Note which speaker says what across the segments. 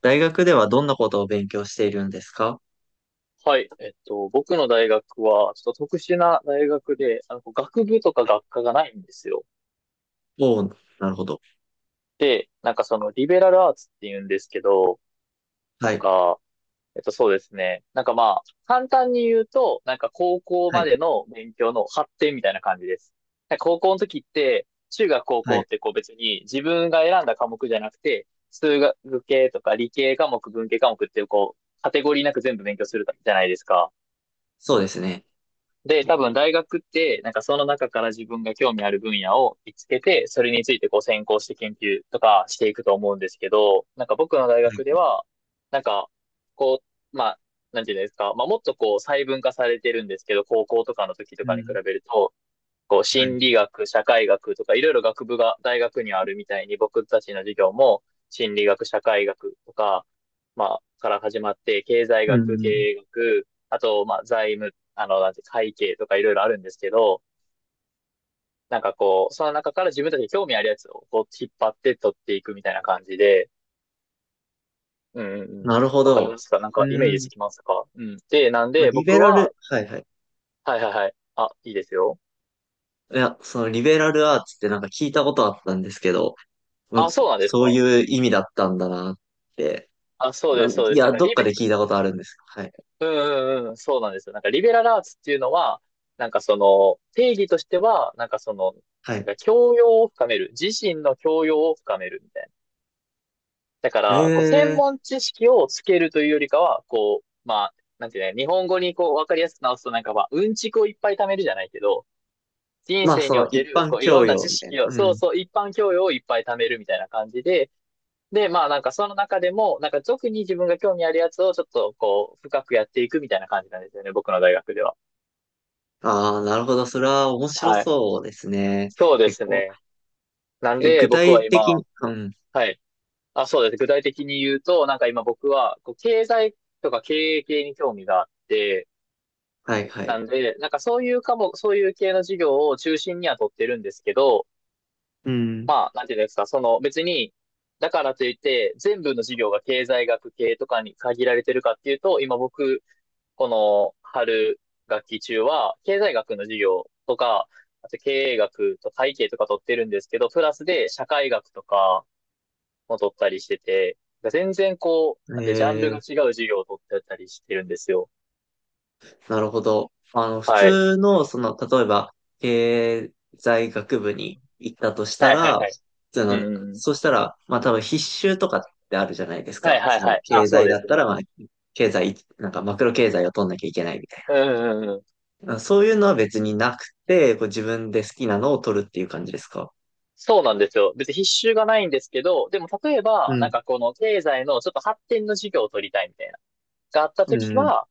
Speaker 1: 大学ではどんなことを勉強しているんですか？は
Speaker 2: はい。僕の大学は、ちょっと特殊な大学で、こう学部とか学
Speaker 1: い。
Speaker 2: 科がないんですよ。
Speaker 1: おお、なるほど。
Speaker 2: で、なんかその、リベラルアーツって言うんですけど、な
Speaker 1: は
Speaker 2: ん
Speaker 1: い。
Speaker 2: か、そうですね。なんかまあ、簡単に言うと、なんか高校
Speaker 1: は
Speaker 2: ま
Speaker 1: い。
Speaker 2: での勉強の発展みたいな感じです。なんか高校の時って、中学高
Speaker 1: は
Speaker 2: 校
Speaker 1: い。
Speaker 2: ってこう別に自分が選んだ科目じゃなくて、数学系とか理系科目、文系科目ってこう、カテゴリーなく全部勉強するじゃないですか。
Speaker 1: そうですね。
Speaker 2: で、多分大学って、なんかその中から自分が興味ある分野を見つけて、それについてこう専攻して研究とかしていくと思うんですけど、なんか僕の大
Speaker 1: は
Speaker 2: 学で
Speaker 1: い。
Speaker 2: は、なんか、こう、まあ、なんていうんですか、まあもっとこう細分化されてるんですけど、高校とかの時と
Speaker 1: う
Speaker 2: かに比
Speaker 1: ん。
Speaker 2: べると、こう、
Speaker 1: はい。
Speaker 2: 心理学、社会学とか、いろいろ学部が大学にあるみたいに、僕たちの授業も、心理学、社会学とか、まあ、から始まって、経済
Speaker 1: う
Speaker 2: 学、経
Speaker 1: ん。
Speaker 2: 営学、あと、まあ、財務、なんて、会計とかいろいろあるんですけど、なんかこう、その中から自分たちに興味あるやつをこう引っ張って取っていくみたいな感じで、うんうんうん。
Speaker 1: なるほ
Speaker 2: わかり
Speaker 1: ど。
Speaker 2: ますか？なんかイメ
Speaker 1: う
Speaker 2: ージつ
Speaker 1: ん。
Speaker 2: きますか？うん。で、なんで
Speaker 1: リベ
Speaker 2: 僕
Speaker 1: ラル、
Speaker 2: は、
Speaker 1: はいはい。
Speaker 2: はいはいはい。あ、いいですよ。
Speaker 1: いや、そのリベラルアーツってなんか聞いたことあったんですけど、
Speaker 2: あ、
Speaker 1: む、
Speaker 2: そうなんです
Speaker 1: そう
Speaker 2: か？
Speaker 1: いう
Speaker 2: うん。
Speaker 1: 意味だったんだなって。
Speaker 2: あ、そうです、そう
Speaker 1: い
Speaker 2: です。なん
Speaker 1: や、
Speaker 2: か
Speaker 1: どっ
Speaker 2: リ
Speaker 1: か
Speaker 2: ベ、
Speaker 1: で聞いたことあるんです。はい。
Speaker 2: うんうんうん、そうなんですよ。なんかリベラルアーツっていうのは、なんかその定義としては、なんかその、
Speaker 1: はい。
Speaker 2: 教養を深める。自身の教養を深めるみたいな。だか
Speaker 1: へ
Speaker 2: ら、こう、専
Speaker 1: え。
Speaker 2: 門知識をつけるというよりかは、こう、まあ、なんていうね、日本語にこう、わかりやすく直すとなんか、まあ、うんちくをいっぱい貯めるじゃないけど、人
Speaker 1: まあ、
Speaker 2: 生
Speaker 1: そ
Speaker 2: にお
Speaker 1: の
Speaker 2: け
Speaker 1: 一
Speaker 2: る、
Speaker 1: 般
Speaker 2: こう、いろ
Speaker 1: 教
Speaker 2: んな
Speaker 1: 養
Speaker 2: 知
Speaker 1: みたい
Speaker 2: 識
Speaker 1: な。
Speaker 2: を、
Speaker 1: う
Speaker 2: そう
Speaker 1: ん。
Speaker 2: そう、一般教養をいっぱい貯めるみたいな感じで、で、まあなんかその中でも、なんか特に自分が興味あるやつをちょっとこう、深くやっていくみたいな感じなんですよね、僕の大学では。
Speaker 1: ああ、なるほど。それは面白
Speaker 2: はい。
Speaker 1: そうですね。
Speaker 2: そうで
Speaker 1: 結
Speaker 2: す
Speaker 1: 構。
Speaker 2: ね。なん
Speaker 1: え、具
Speaker 2: で僕
Speaker 1: 体
Speaker 2: は
Speaker 1: 的
Speaker 2: 今、
Speaker 1: に、うん、
Speaker 2: はい。あ、そうです。具体的に言うと、なんか今僕は、こう、経済とか経営系に興味があって、
Speaker 1: はいは
Speaker 2: な
Speaker 1: い。
Speaker 2: んで、なんかそういう科目、そういう系の授業を中心には取ってるんですけど、
Speaker 1: うん。
Speaker 2: まあ、なんていうんですか、その別に、だからといって、全部の授業が経済学系とかに限られてるかっていうと、今僕この春学期中は、経済学の授業とか、あと経営学と会計とか取ってるんですけど、プラスで社会学とかも取ったりしてて、全然こう、な
Speaker 1: え
Speaker 2: んてジャンルが
Speaker 1: え、
Speaker 2: 違う授業を取ってたりしてるんですよ。
Speaker 1: なるほど。普
Speaker 2: はい。
Speaker 1: 通の、例えば、経済学部に行ったとした
Speaker 2: はいはい
Speaker 1: ら、
Speaker 2: はい。
Speaker 1: そ
Speaker 2: うんう
Speaker 1: の、
Speaker 2: んうん。
Speaker 1: そしたら、まあ多分必修とかってあるじゃないです
Speaker 2: はい
Speaker 1: か。
Speaker 2: はいはい。あ、
Speaker 1: 経
Speaker 2: そう
Speaker 1: 済
Speaker 2: で
Speaker 1: だっ
Speaker 2: す
Speaker 1: た
Speaker 2: ね。
Speaker 1: ら、まあ、経済、なんかマクロ経済を取んなきゃいけないみたい
Speaker 2: うんうんうん。
Speaker 1: な。そういうのは別になくて、こう自分で好きなのを取るっていう感じですか？
Speaker 2: そうなんですよ。別に必修がないんですけど、でも例え
Speaker 1: う
Speaker 2: ば、なん
Speaker 1: ん。
Speaker 2: かこの経済のちょっと発展の授業を取りたいみたいな。があった
Speaker 1: う
Speaker 2: と
Speaker 1: ん
Speaker 2: き
Speaker 1: うん。
Speaker 2: は、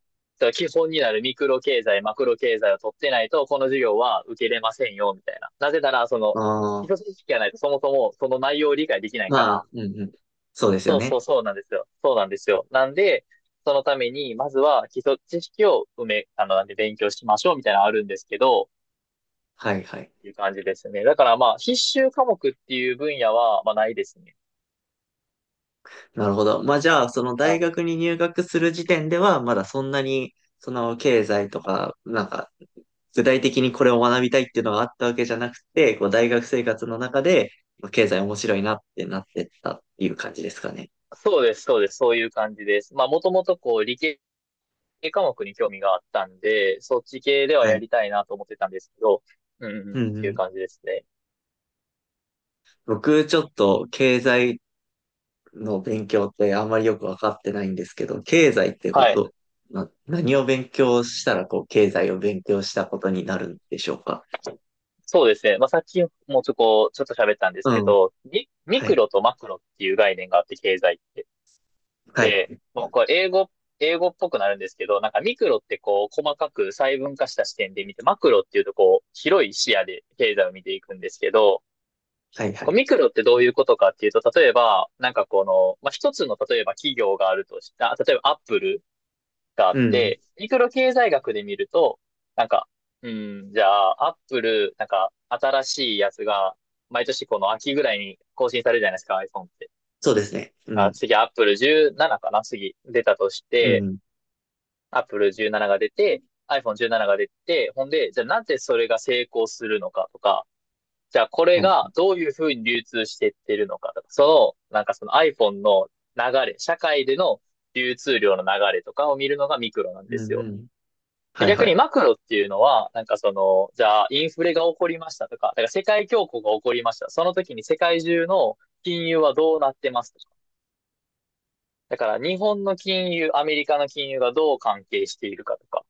Speaker 2: 基本になるミクロ経済、マクロ経済を取ってないと、この授業は受けれませんよ、みたいな。なぜなら、その、
Speaker 1: あ
Speaker 2: 基
Speaker 1: あ、
Speaker 2: 礎知識がないと、そもそもその内容を理解できないか
Speaker 1: ま
Speaker 2: ら、
Speaker 1: あ、うんうん。そうですよ
Speaker 2: そうそう
Speaker 1: ね。
Speaker 2: そうなんですよ。そうなんですよ。なんで、そのために、まずは基礎知識を埋め、なんで勉強しましょうみたいなのあるんですけど、っ
Speaker 1: はいはい。
Speaker 2: ていう感じですね。だからまあ、必修科目っていう分野は、まあないですね。
Speaker 1: なるほど。まあじゃあ、その
Speaker 2: は
Speaker 1: 大
Speaker 2: い。
Speaker 1: 学に入学する時点では、まだそんなに、その経済とか、なんか、具体的にこれを学びたいっていうのがあったわけじゃなくて、こう大学生活の中で、まあ経済面白いなってなってったっていう感じですかね。
Speaker 2: そうです、そうです、そういう感じです。まあ、もともとこう、理系科目に興味があったんで、そっち系では
Speaker 1: は
Speaker 2: や
Speaker 1: い。
Speaker 2: りたいなと思ってたんですけど、うんうん、
Speaker 1: うん
Speaker 2: っ
Speaker 1: う
Speaker 2: ていう
Speaker 1: ん。
Speaker 2: 感じですね。
Speaker 1: 僕、ちょっと経済の勉強ってあんまりよくわかってないんですけど、経済ってこ
Speaker 2: はい。
Speaker 1: と、何を勉強したら、こう、経済を勉強したことになるんでしょうか。
Speaker 2: そうですね。まあ、さっきもちょっと喋ったんです
Speaker 1: う
Speaker 2: け
Speaker 1: ん。
Speaker 2: ど、ミ
Speaker 1: は
Speaker 2: ク
Speaker 1: い。
Speaker 2: ロとマクロっていう概念があって、経済って。
Speaker 1: は
Speaker 2: で、
Speaker 1: い。
Speaker 2: もうこれ英語っぽくなるんですけど、なんかミクロってこう、細かく細分化した視点で見て、マクロっていうとこう、広い視野で経済を見ていくんですけど、
Speaker 1: はい、は
Speaker 2: こう
Speaker 1: い。
Speaker 2: ミクロってどういうことかっていうと、例えば、なんかこの、まあ、一つの、例えば企業があるとした、例えばアップルがあっ
Speaker 1: うん。
Speaker 2: て、ミクロ経済学で見ると、なんか、うん、じゃあ、アップル、なんか、新しいやつが、毎年この秋ぐらいに更新されるじゃないですか、iPhone って。
Speaker 1: そうですね。う
Speaker 2: あ、
Speaker 1: ん。
Speaker 2: 次、アップル17かな、次、出たとし
Speaker 1: う
Speaker 2: て、
Speaker 1: ん。
Speaker 2: アップル17が出て、iPhone17 が出て、ほんで、じゃあなぜそれが成功するのかとか、じゃあこれ
Speaker 1: はいは
Speaker 2: が
Speaker 1: い。
Speaker 2: どういうふうに流通してってるのかとか、その、なんかその iPhone の流れ、社会での流通量の流れとかを見るのがミクロなん
Speaker 1: う
Speaker 2: です
Speaker 1: んう
Speaker 2: よ。
Speaker 1: ん。
Speaker 2: で
Speaker 1: はい
Speaker 2: 逆
Speaker 1: は
Speaker 2: に
Speaker 1: い。
Speaker 2: マクロっていうのは、なんかその、じゃあインフレが起こりましたとか、だから世界恐慌が起こりました。その時に世界中の金融はどうなってますとか。だから日本の金融、アメリカの金融がどう関係しているかとか、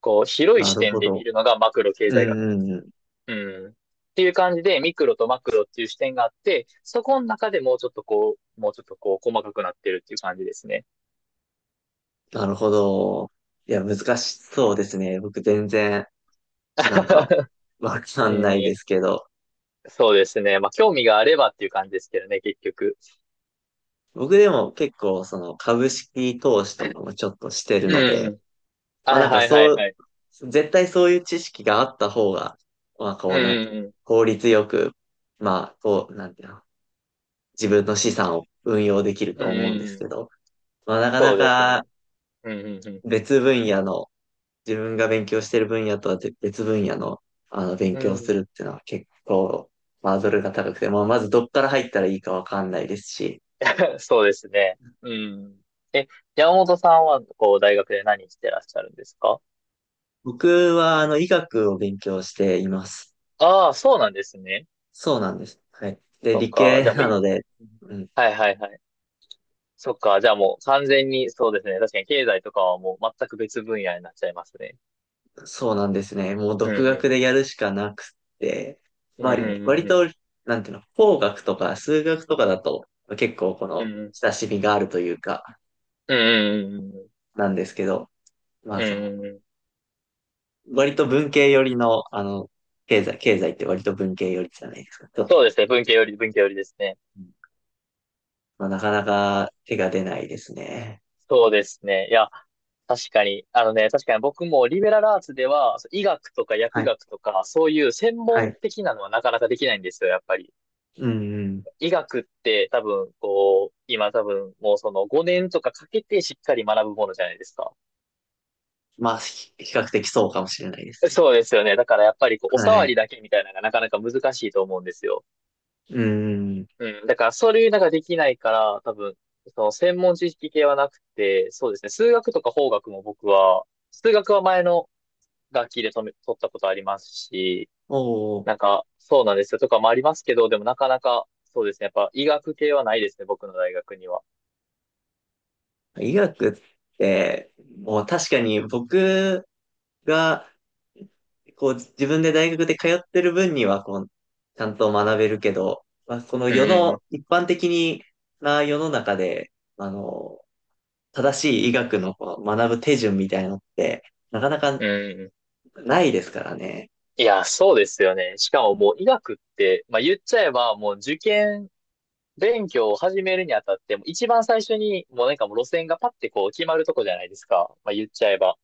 Speaker 2: こう広い
Speaker 1: な
Speaker 2: 視
Speaker 1: る
Speaker 2: 点
Speaker 1: ほ
Speaker 2: で見
Speaker 1: ど。
Speaker 2: るのがマクロ経
Speaker 1: うん
Speaker 2: 済学なんで
Speaker 1: う
Speaker 2: す
Speaker 1: んう
Speaker 2: よ。
Speaker 1: ん。
Speaker 2: うん。っていう感じで、ミクロとマクロっていう視点があって、そこの中でもうちょっとこう、細かくなってるっていう感じですね。
Speaker 1: なるほど。いや、難しそうですね。僕全然、なんか、わか
Speaker 2: う
Speaker 1: んないで
Speaker 2: ん、
Speaker 1: すけど。
Speaker 2: そうですね。まあ、興味があればっていう感じですけどね、結局。
Speaker 1: 僕でも結構、その、株式投資とかもちょっとしてるの
Speaker 2: う
Speaker 1: で、
Speaker 2: ん。
Speaker 1: まあ
Speaker 2: はい
Speaker 1: なんか
Speaker 2: はいは
Speaker 1: そ
Speaker 2: い
Speaker 1: う、
Speaker 2: はい。
Speaker 1: 絶対そういう知識があった方が、まあ
Speaker 2: う
Speaker 1: こう、なんていうの、
Speaker 2: ん
Speaker 1: 効率よく、まあ、こう、なんていうの、自分の資産を運用できる
Speaker 2: うん
Speaker 1: と
Speaker 2: うん。うんう
Speaker 1: 思うんで
Speaker 2: んう
Speaker 1: す
Speaker 2: ん。
Speaker 1: けど、まあなか
Speaker 2: そ
Speaker 1: な
Speaker 2: うです
Speaker 1: か、
Speaker 2: ね。うんうん
Speaker 1: 別分野の、自分が勉強してる分野とはぜ別分野の、あの、勉
Speaker 2: うん。
Speaker 1: 強
Speaker 2: う
Speaker 1: す
Speaker 2: ん。
Speaker 1: るっていうのは結構、ハードルが高くて、まあ、まずどっから入ったらいいかわかんないですし、
Speaker 2: そうですね。うん。え、山本さんは、こう、大学で何してらっしゃるんですか？
Speaker 1: 僕は、あの、医学を勉強しています。
Speaker 2: ああ、そうなんですね。
Speaker 1: そうなんです。はい。で、
Speaker 2: そっ
Speaker 1: 理
Speaker 2: か。
Speaker 1: 系
Speaker 2: じゃあもう
Speaker 1: な
Speaker 2: いい。
Speaker 1: ので、
Speaker 2: うん。
Speaker 1: うん、
Speaker 2: はいはいはい。そっか。じゃあもう完全に、そうですね。確かに経済とかはもう全く別分野になっちゃいますね。
Speaker 1: そうなんですね。もう
Speaker 2: うん
Speaker 1: 独
Speaker 2: う
Speaker 1: 学
Speaker 2: ん。
Speaker 1: でやるしかなくて、
Speaker 2: うんう
Speaker 1: まあ、
Speaker 2: んう
Speaker 1: 割
Speaker 2: んうん。
Speaker 1: と、なんていうの、工学とか数学とかだと、結構こ
Speaker 2: う
Speaker 1: の、
Speaker 2: んうん。
Speaker 1: 親しみがあるというか、
Speaker 2: うんうんうんうん。
Speaker 1: なんですけど、まあ、
Speaker 2: うんうんうん。
Speaker 1: 割と文系寄りの、あの、経済、経済って割と文系寄りじゃないですか、ちょっ
Speaker 2: そうで
Speaker 1: と。
Speaker 2: すね。文系より、文系よりですね。
Speaker 1: うん。まあ、なかなか手が出ないですね。
Speaker 2: そうですね。いや、確かに僕もリベラルアーツでは、そう医学とか
Speaker 1: は
Speaker 2: 薬
Speaker 1: い、
Speaker 2: 学とか、そういう専
Speaker 1: は
Speaker 2: 門
Speaker 1: い。
Speaker 2: 的なのはなかなかできないんですよ、やっぱり。
Speaker 1: うんうん。
Speaker 2: 医学って多分、こう、今多分、もうその5年とかかけてしっかり学ぶものじゃないですか。
Speaker 1: まあ、比較的そうかもしれないですね。
Speaker 2: そうですよね。だからやっぱりこう、お
Speaker 1: は
Speaker 2: 触り
Speaker 1: い。
Speaker 2: だけみたいなのがなかなか難しいと思うんですよ。
Speaker 1: うんうん。
Speaker 2: うん。だからそれなんかできないから、多分、その専門知識系はなくて、そうですね。数学とか法学も僕は、数学は前の楽器で止め、撮ったことありますし、
Speaker 1: おう、
Speaker 2: なんか、そうなんですよとかもありますけど、でもなかなか、そうですね。やっぱ医学系はないですね、僕の大学には。
Speaker 1: 医学って、もう確かに僕が、こう、自分で大学で通ってる分には、こう、ちゃんと学べるけど、まあ、この
Speaker 2: うん
Speaker 1: 世
Speaker 2: う
Speaker 1: の、
Speaker 2: ん
Speaker 1: 一般的な世の中で、あの、正しい医学のこう学ぶ手順みたいなのって、なかなか
Speaker 2: うん、うん。
Speaker 1: ないですからね。
Speaker 2: いや、そうですよね。しかももう医学って、まあ言っちゃえばもう受験勉強を始めるにあたって、もう一番最初にもうなんかもう路線がパッてこう決まるとこじゃないですか。まあ言っちゃえば。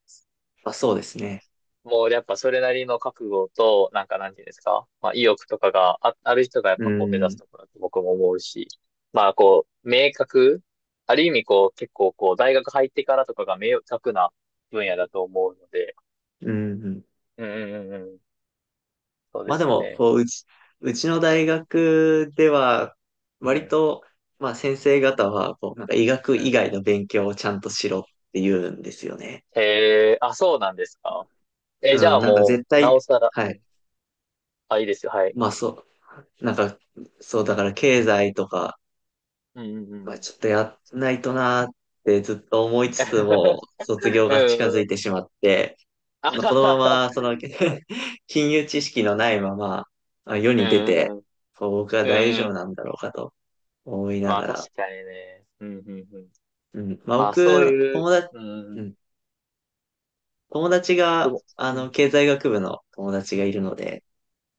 Speaker 1: まあそうですね。
Speaker 2: もうやっぱそれなりの覚悟と、なんかなんていうんですか、まあ意欲とかある人がやっ
Speaker 1: う
Speaker 2: ぱこう目指す
Speaker 1: ん。
Speaker 2: ところだと僕も思うし、まあこう、ある意味こう結構こう大学入ってからとかが明確な分野だと思うので、
Speaker 1: うん。うん。
Speaker 2: うんうんうんうん、そうで
Speaker 1: まあで
Speaker 2: す
Speaker 1: も、
Speaker 2: ね。
Speaker 1: こう、うちの大学では、
Speaker 2: う
Speaker 1: 割
Speaker 2: ん、
Speaker 1: と、まあ先生方は、こう、なんか医学
Speaker 2: う
Speaker 1: 以
Speaker 2: ん。
Speaker 1: 外の勉強をちゃんとしろって言うんですよね。
Speaker 2: へえ、あ、そうなんですか。え、じ
Speaker 1: う
Speaker 2: ゃ
Speaker 1: ん、
Speaker 2: あ
Speaker 1: なんか
Speaker 2: も
Speaker 1: 絶
Speaker 2: う、なお
Speaker 1: 対、
Speaker 2: さら、う
Speaker 1: はい。
Speaker 2: ん。あ、いいですよ、はい。う
Speaker 1: まあ
Speaker 2: ん、
Speaker 1: そう、なんか、そう、だから経済とか、
Speaker 2: うん、うん、う
Speaker 1: まあ
Speaker 2: ん。
Speaker 1: ちょっとやんないとなーってずっと思いつつも、卒 業
Speaker 2: う
Speaker 1: が近
Speaker 2: ん、
Speaker 1: づ
Speaker 2: う
Speaker 1: い
Speaker 2: ん。
Speaker 1: てしまって、
Speaker 2: あは
Speaker 1: このま
Speaker 2: はは
Speaker 1: ま、その、金融知識のないまま、あ、世
Speaker 2: う
Speaker 1: に出
Speaker 2: ん、
Speaker 1: て、
Speaker 2: うん、
Speaker 1: こう僕は
Speaker 2: う
Speaker 1: 大
Speaker 2: ん。う
Speaker 1: 丈夫
Speaker 2: ん。
Speaker 1: なんだろうかと思いな
Speaker 2: まあ
Speaker 1: が
Speaker 2: 確
Speaker 1: ら。
Speaker 2: かにね。うんうんうん。
Speaker 1: うん。まあ、
Speaker 2: まあそう
Speaker 1: 僕、
Speaker 2: いう、
Speaker 1: 友達、
Speaker 2: う
Speaker 1: う
Speaker 2: ん、
Speaker 1: ん。友達
Speaker 2: で
Speaker 1: が、
Speaker 2: も、
Speaker 1: あ
Speaker 2: うん、
Speaker 1: の、経済学部の友達がいるので、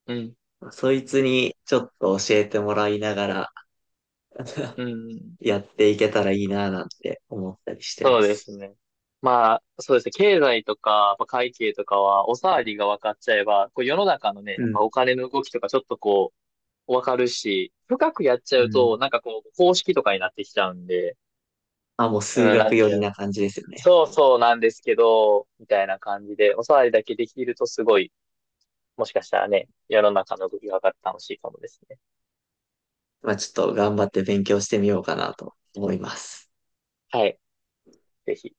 Speaker 2: うん、
Speaker 1: そいつにちょっと教えてもらいながら
Speaker 2: うん。
Speaker 1: やっていけたらいいな、なんて思ったりしてま
Speaker 2: そうで
Speaker 1: す。
Speaker 2: すね。まあそうですね。経済とか、まあ、会計とかは、おさわりが分かっちゃえば、こう世の中のね、
Speaker 1: う
Speaker 2: やっぱ
Speaker 1: ん。
Speaker 2: お金の動きとかちょっとこう、分かるし、深くやっち
Speaker 1: う
Speaker 2: ゃう
Speaker 1: ん。
Speaker 2: と、なんかこう、公式とかになってきちゃうんで、
Speaker 1: まあ、もう数
Speaker 2: うん、な
Speaker 1: 学
Speaker 2: ん
Speaker 1: 寄
Speaker 2: ていう
Speaker 1: り
Speaker 2: の。
Speaker 1: な感じですよね。
Speaker 2: そうそうなんですけど、みたいな感じで、おさわりだけできるとすごい、もしかしたらね、世の中の動きが分かって楽しいかもですね。
Speaker 1: まあ、ちょっと頑張って勉強してみようかなと思います。
Speaker 2: はい。ぜひ。